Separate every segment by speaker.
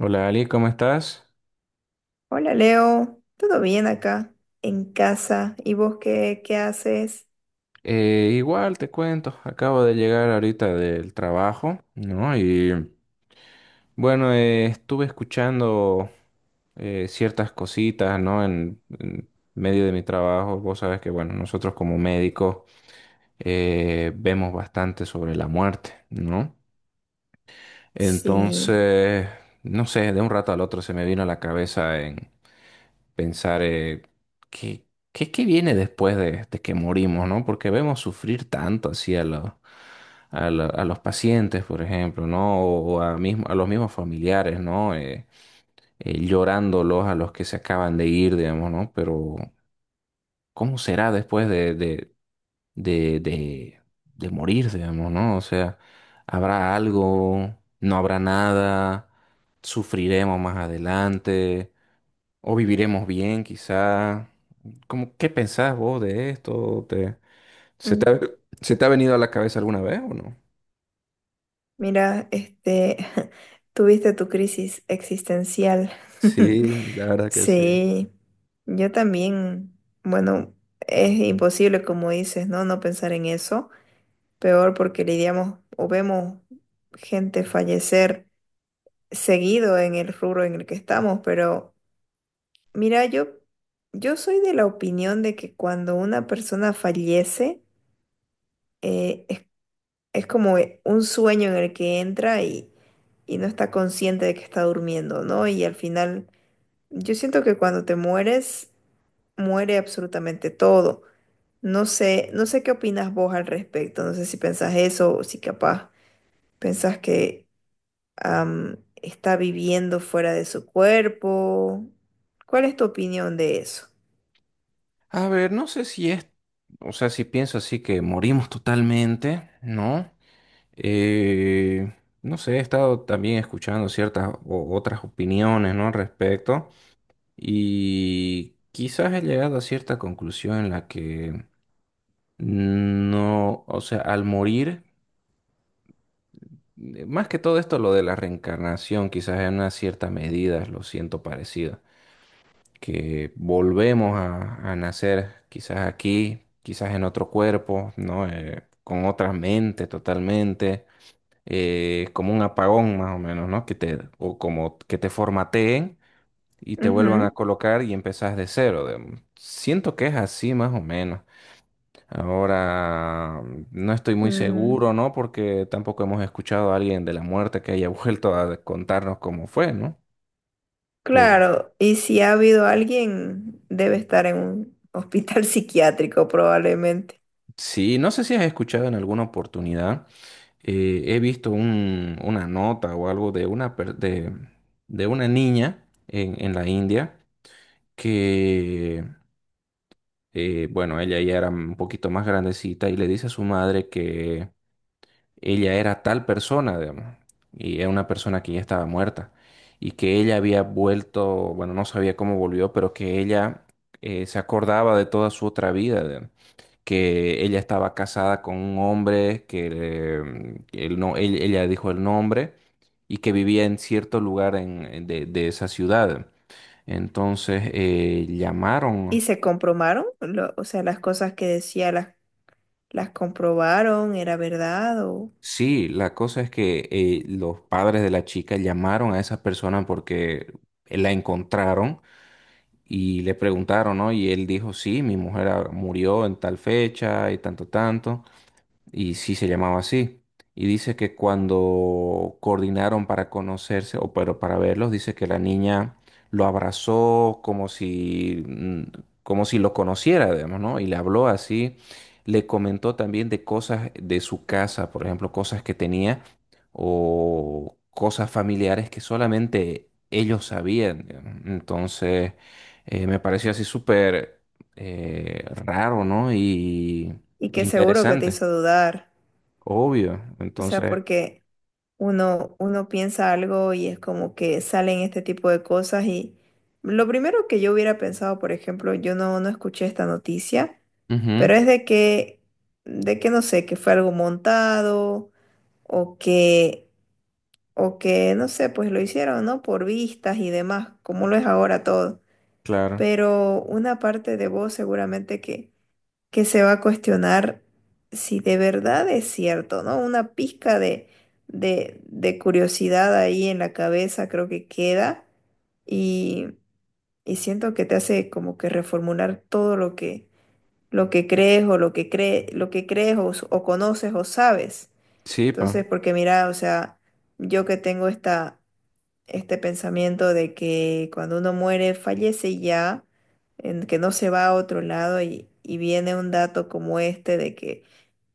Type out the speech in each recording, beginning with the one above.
Speaker 1: Hola Ali, ¿cómo estás?
Speaker 2: Hola Leo, ¿todo bien acá en casa? ¿Y vos qué haces?
Speaker 1: Igual te cuento, acabo de llegar ahorita del trabajo, ¿no? Y bueno, estuve escuchando ciertas cositas, ¿no? En medio de mi trabajo, vos sabes que, bueno, nosotros como médicos vemos bastante sobre la muerte, ¿no?
Speaker 2: Sí.
Speaker 1: Entonces, no sé, de un rato al otro se me vino a la cabeza pensar qué, qué viene después de que morimos, ¿no? Porque vemos sufrir tanto así a los pacientes, por ejemplo, ¿no? O a, mismo, a los mismos familiares, ¿no? Llorándolos a los que se acaban de ir, digamos, ¿no? Pero, ¿cómo será después de, de, de morir, digamos, ¿no? O sea, ¿habrá algo? ¿No habrá nada? ¿Sufriremos más adelante? O viviremos bien, quizá. ¿Cómo, qué pensás vos de esto? ¿Te, se
Speaker 2: Mm.
Speaker 1: te ha, se te ha venido a la cabeza alguna vez o no?
Speaker 2: Mira, tuviste tu crisis existencial.
Speaker 1: Sí, la verdad que sí.
Speaker 2: Sí, yo también, bueno, es imposible como dices, ¿no? No pensar en eso. Peor porque lidiamos o vemos gente fallecer seguido en el rubro en el que estamos, pero... Mira, yo soy de la opinión de que cuando una persona fallece, eh, es, es como un sueño en el que entra y no está consciente de que está durmiendo, ¿no? Y al final, yo siento que cuando te mueres, muere absolutamente todo. No sé, no sé qué opinas vos al respecto, no sé si pensás eso o si capaz pensás que está viviendo fuera de su cuerpo. ¿Cuál es tu opinión de eso?
Speaker 1: A ver, no sé si es, o sea, si pienso así que morimos totalmente, ¿no? Eh, no sé, he estado también escuchando ciertas otras opiniones, ¿no? Al respecto y quizás he llegado a cierta conclusión en la que no, o sea, al morir más que todo esto, lo de la reencarnación, quizás en una cierta medida lo siento parecido, que volvemos a nacer quizás aquí, quizás en otro cuerpo, ¿no? Con otra mente totalmente, como un apagón más o menos, ¿no? Que te, o como que te formateen y te vuelvan a colocar y empezás de cero. Siento que es así más o menos. Ahora, no estoy muy
Speaker 2: Mm,
Speaker 1: seguro, ¿no? Porque tampoco hemos escuchado a alguien de la muerte que haya vuelto a contarnos cómo fue, ¿no? Pero
Speaker 2: claro, y si ha habido alguien, debe estar en un hospital psiquiátrico probablemente.
Speaker 1: sí, no sé si has escuchado en alguna oportunidad, he visto una nota o algo de una niña en la India que, bueno, ella ya era un poquito más grandecita y le dice a su madre ella era tal persona, digamos, y era una persona que ya estaba muerta, y que ella había vuelto, bueno, no sabía cómo volvió, pero que ella se acordaba de toda su otra vida, digamos, que ella estaba casada con un hombre, que, él no, ella dijo el nombre, y que vivía en cierto lugar de esa ciudad. Entonces llamaron.
Speaker 2: ¿Y se comprobaron? O sea, las cosas que decía las comprobaron, ¿era verdad o?
Speaker 1: Sí, la cosa es que los padres de la chica llamaron a esa persona porque la encontraron y le preguntaron, ¿no? Y él dijo, sí, mi mujer murió en tal fecha y tanto, tanto y sí se llamaba así. Y dice que cuando coordinaron para conocerse, o pero para verlos, dice que la niña lo abrazó como si lo conociera, digamos, ¿no? Y le habló así, le comentó también de cosas de su casa, por ejemplo, cosas que tenía o cosas familiares que solamente ellos sabían, digamos. Entonces, me pareció así súper raro, ¿no? Y,
Speaker 2: Y
Speaker 1: e
Speaker 2: que seguro que te
Speaker 1: interesante.
Speaker 2: hizo dudar.
Speaker 1: Obvio.
Speaker 2: O sea,
Speaker 1: Entonces.
Speaker 2: porque uno piensa algo y es como que salen este tipo de cosas y lo primero que yo hubiera pensado, por ejemplo, yo no escuché esta noticia,
Speaker 1: Ujú.
Speaker 2: pero es de que, no sé, que fue algo montado o que, o que, no sé, pues lo hicieron, ¿no? Por vistas y demás, como lo es ahora todo.
Speaker 1: Claro.
Speaker 2: Pero una parte de vos seguramente que se va a cuestionar si de verdad es cierto, ¿no? Una pizca de curiosidad ahí en la cabeza creo que queda y, y siento que te hace como que reformular todo lo que crees o lo que crees o conoces o sabes.
Speaker 1: Sí, pa.
Speaker 2: Entonces, porque mira, o sea, yo que tengo este pensamiento de que cuando uno muere, fallece y ya, en que no se va a otro lado y viene un dato como este de que,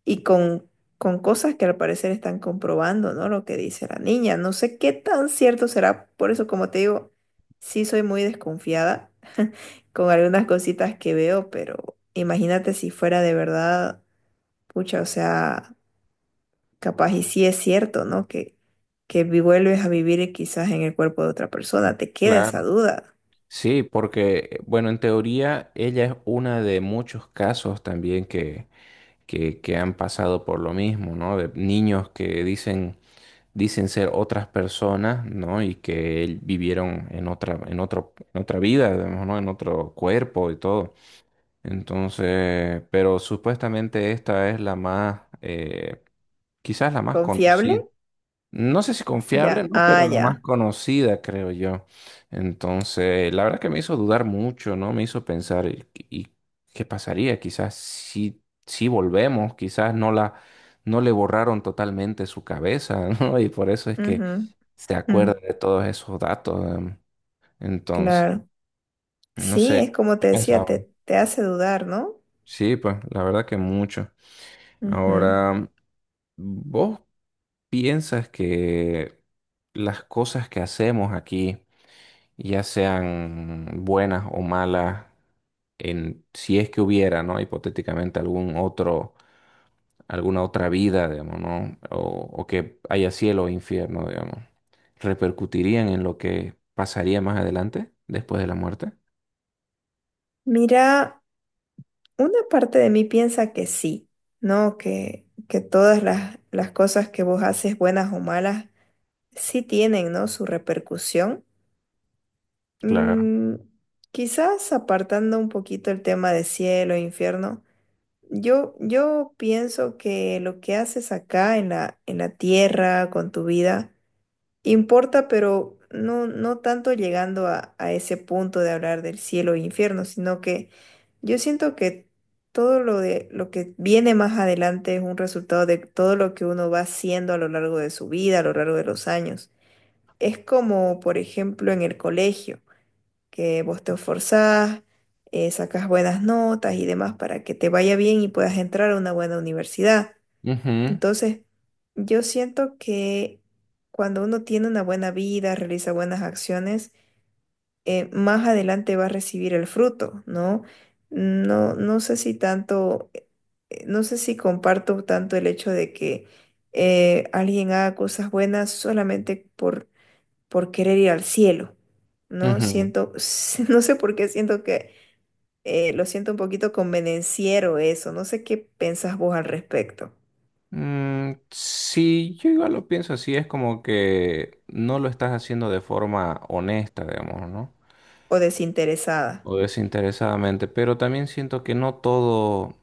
Speaker 2: y con cosas que al parecer están comprobando, ¿no? Lo que dice la niña, no sé qué tan cierto será, por eso como te digo, sí soy muy desconfiada con algunas cositas que veo, pero imagínate si fuera de verdad, pucha, o sea... Capaz y sí es cierto, ¿no? Que vuelves a vivir y quizás en el cuerpo de otra persona, te queda esa
Speaker 1: Claro.
Speaker 2: duda.
Speaker 1: Sí, porque, bueno, en teoría ella es una de muchos casos también que han pasado por lo mismo, ¿no? De niños que dicen ser otras personas, ¿no? Y que él vivieron en otra vida, digamos, ¿no? En otro cuerpo y todo. Entonces, pero supuestamente esta es la más, quizás la más
Speaker 2: ¿Confiable?
Speaker 1: conocida. No sé si confiable,
Speaker 2: Ya,
Speaker 1: ¿no?
Speaker 2: ah,
Speaker 1: Pero la más
Speaker 2: ya.
Speaker 1: conocida, creo yo. Entonces, la verdad que me hizo dudar mucho, ¿no? Me hizo pensar, ¿Y qué pasaría? Quizás sí volvemos, quizás no la, no le borraron totalmente su cabeza, ¿no? Y por eso es que
Speaker 2: Ujú,
Speaker 1: se acuerda
Speaker 2: mm,
Speaker 1: de todos esos datos. Entonces,
Speaker 2: claro.
Speaker 1: no
Speaker 2: Sí,
Speaker 1: sé,
Speaker 2: es como
Speaker 1: ¿qué
Speaker 2: te decía,
Speaker 1: pensaba?
Speaker 2: te hace dudar, ¿no?
Speaker 1: Sí, pues, la verdad que mucho.
Speaker 2: Ujú.
Speaker 1: Ahora, ¿vos piensas que las cosas que hacemos aquí ya sean buenas o malas, si es que hubiera, ¿no? Hipotéticamente alguna otra vida, digamos, ¿no? O que haya cielo o infierno, digamos, ¿repercutirían en lo que pasaría más adelante, después de la muerte?
Speaker 2: Mira, una parte de mí piensa que sí, ¿no? Que todas las cosas que vos haces, buenas o malas, sí tienen, ¿no? Su repercusión.
Speaker 1: Claro.
Speaker 2: Mm. Quizás apartando un poquito el tema de cielo e infierno, yo pienso que lo que haces acá en la tierra, con tu vida, importa, pero no, no tanto llegando a ese punto de hablar del cielo e infierno, sino que yo siento que todo lo que viene más adelante es un resultado de todo lo que uno va haciendo a lo largo de su vida, a lo largo de los años. Es como, por ejemplo, en el colegio que vos te esforzás, sacas buenas notas y demás para que te vaya bien y puedas entrar a una buena universidad.
Speaker 1: Ujú,
Speaker 2: Entonces, yo siento que cuando uno tiene una buena vida, realiza buenas acciones, más adelante va a recibir el fruto, ¿no? No, no sé si tanto, no sé si comparto tanto el hecho de que alguien haga cosas buenas solamente por querer ir al cielo, ¿no?
Speaker 1: ujú.
Speaker 2: Siento, no sé por qué siento que lo siento un poquito convenenciero eso, no sé qué pensás vos al respecto,
Speaker 1: Mm, sí, yo igual lo pienso así, es como que no lo estás haciendo de forma honesta, digamos, ¿no?
Speaker 2: o desinteresada.
Speaker 1: O desinteresadamente, pero también siento que no todo.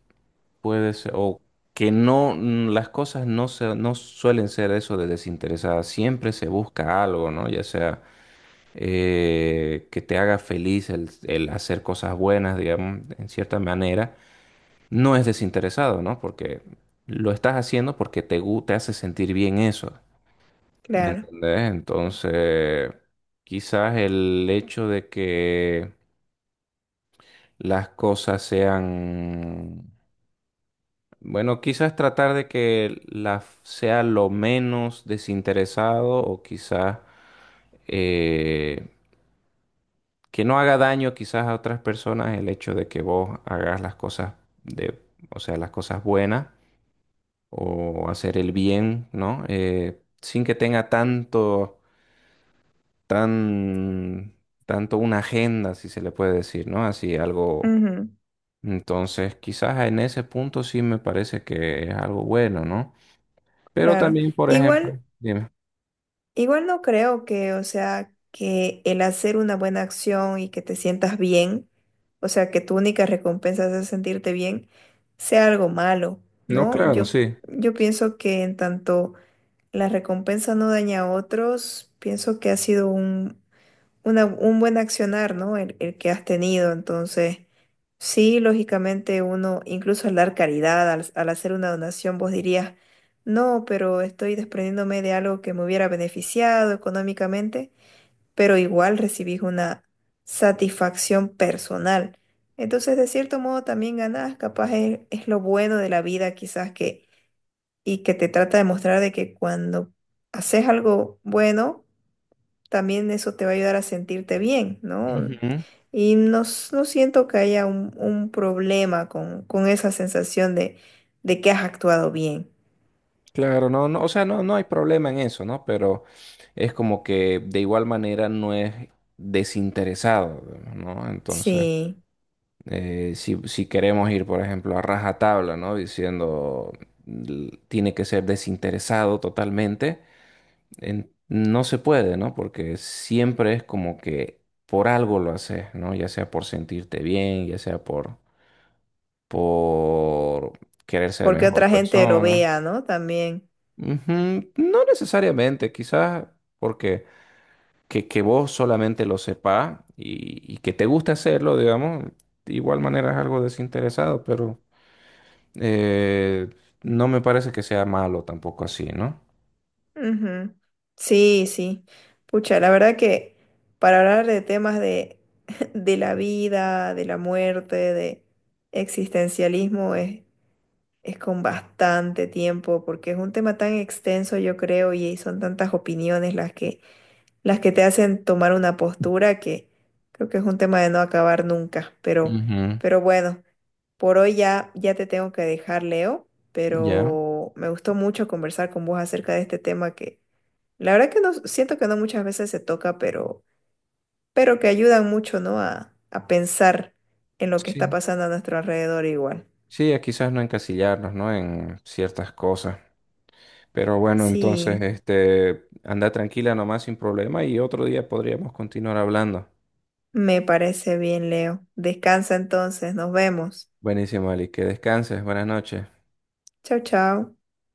Speaker 1: Puede ser, o que no, las cosas no, se, no suelen ser eso de desinteresadas, siempre se busca algo, ¿no? Ya sea que te haga feliz el hacer cosas buenas, digamos, en cierta manera, no es desinteresado, ¿no? Porque lo estás haciendo porque te hace sentir bien eso, ¿me
Speaker 2: Claro,
Speaker 1: entendés? Entonces, quizás el hecho de que las cosas sean Bueno, quizás tratar de que sea lo menos desinteresado o quizás eh, que no haga daño quizás a otras personas el hecho de que vos hagas las cosas de, o sea, las cosas buenas o hacer el bien, ¿no? Sin que tenga tanto, tan, tanto una agenda, si se le puede decir, ¿no? Así algo.
Speaker 2: ujú,
Speaker 1: Entonces, quizás en ese punto sí me parece que es algo bueno, ¿no? Pero
Speaker 2: claro.
Speaker 1: también, por ejemplo,
Speaker 2: Igual.
Speaker 1: dime.
Speaker 2: Igual no creo que, o sea, que el hacer una buena acción y que te sientas bien, o sea, que tu única recompensa es sentirte bien, sea algo malo,
Speaker 1: No,
Speaker 2: ¿no?
Speaker 1: claro,
Speaker 2: Yo,
Speaker 1: sí.
Speaker 2: yo pienso que en tanto la recompensa no daña a otros, pienso que ha sido un buen accionar, ¿no? El que has tenido. Entonces, sí, lógicamente uno, incluso al dar caridad, al hacer una donación, vos dirías, no, pero estoy desprendiéndome de algo que me hubiera beneficiado económicamente, pero igual recibís una satisfacción personal. Entonces, de cierto modo, también ganás, capaz es lo bueno de la vida, quizás que, y que te trata de mostrar de que cuando haces algo bueno, también eso te va a ayudar a sentirte bien, ¿no?
Speaker 1: Ujú.
Speaker 2: Y no, no siento que haya un problema con esa sensación de que has actuado bien.
Speaker 1: Claro, no, no, o sea, no, no hay problema en eso, ¿no? Pero es como que de igual manera no es desinteresado, ¿no? Entonces,
Speaker 2: Sí,
Speaker 1: si queremos ir, por ejemplo, a rajatabla, ¿no? Diciendo tiene que ser desinteresado totalmente, no se puede, ¿no? Porque siempre es como que por algo lo haces, ¿no? Ya sea por sentirte bien, ya sea por querer ser
Speaker 2: porque
Speaker 1: mejor
Speaker 2: otra gente lo
Speaker 1: persona.
Speaker 2: vea, ¿no? También.
Speaker 1: Ujú. No necesariamente, quizás porque que vos solamente lo sepas y que te guste hacerlo, digamos, de igual manera es algo desinteresado, pero eh, no me parece que sea malo tampoco así, ¿no?
Speaker 2: Ujú. Sí, sí. Pucha, la verdad que para hablar de temas de, de la vida, de la muerte, de existencialismo, es con bastante tiempo, porque es un tema tan extenso, yo creo, y son tantas opiniones las que te hacen tomar una postura que creo que es un tema de no acabar nunca. Pero,
Speaker 1: Ujú.
Speaker 2: pero bueno, por hoy ya, ya te tengo que dejar, Leo,
Speaker 1: Ya,
Speaker 2: pero me gustó mucho conversar con vos acerca de este tema que la verdad que no siento que no muchas veces se toca, pero que ayudan mucho, ¿no? A pensar en lo que está
Speaker 1: sí.
Speaker 2: pasando a nuestro alrededor igual.
Speaker 1: Sí, a quizás no encasillarnos, ¿no? En ciertas cosas. Pero bueno, entonces,
Speaker 2: Sí.
Speaker 1: este, anda tranquila nomás sin problema y otro día podríamos continuar hablando.
Speaker 2: Me parece bien, Leo. Descansa entonces, nos vemos.
Speaker 1: Buenísimo, Ali, que descanses, buenas noches.
Speaker 2: Chao, chao.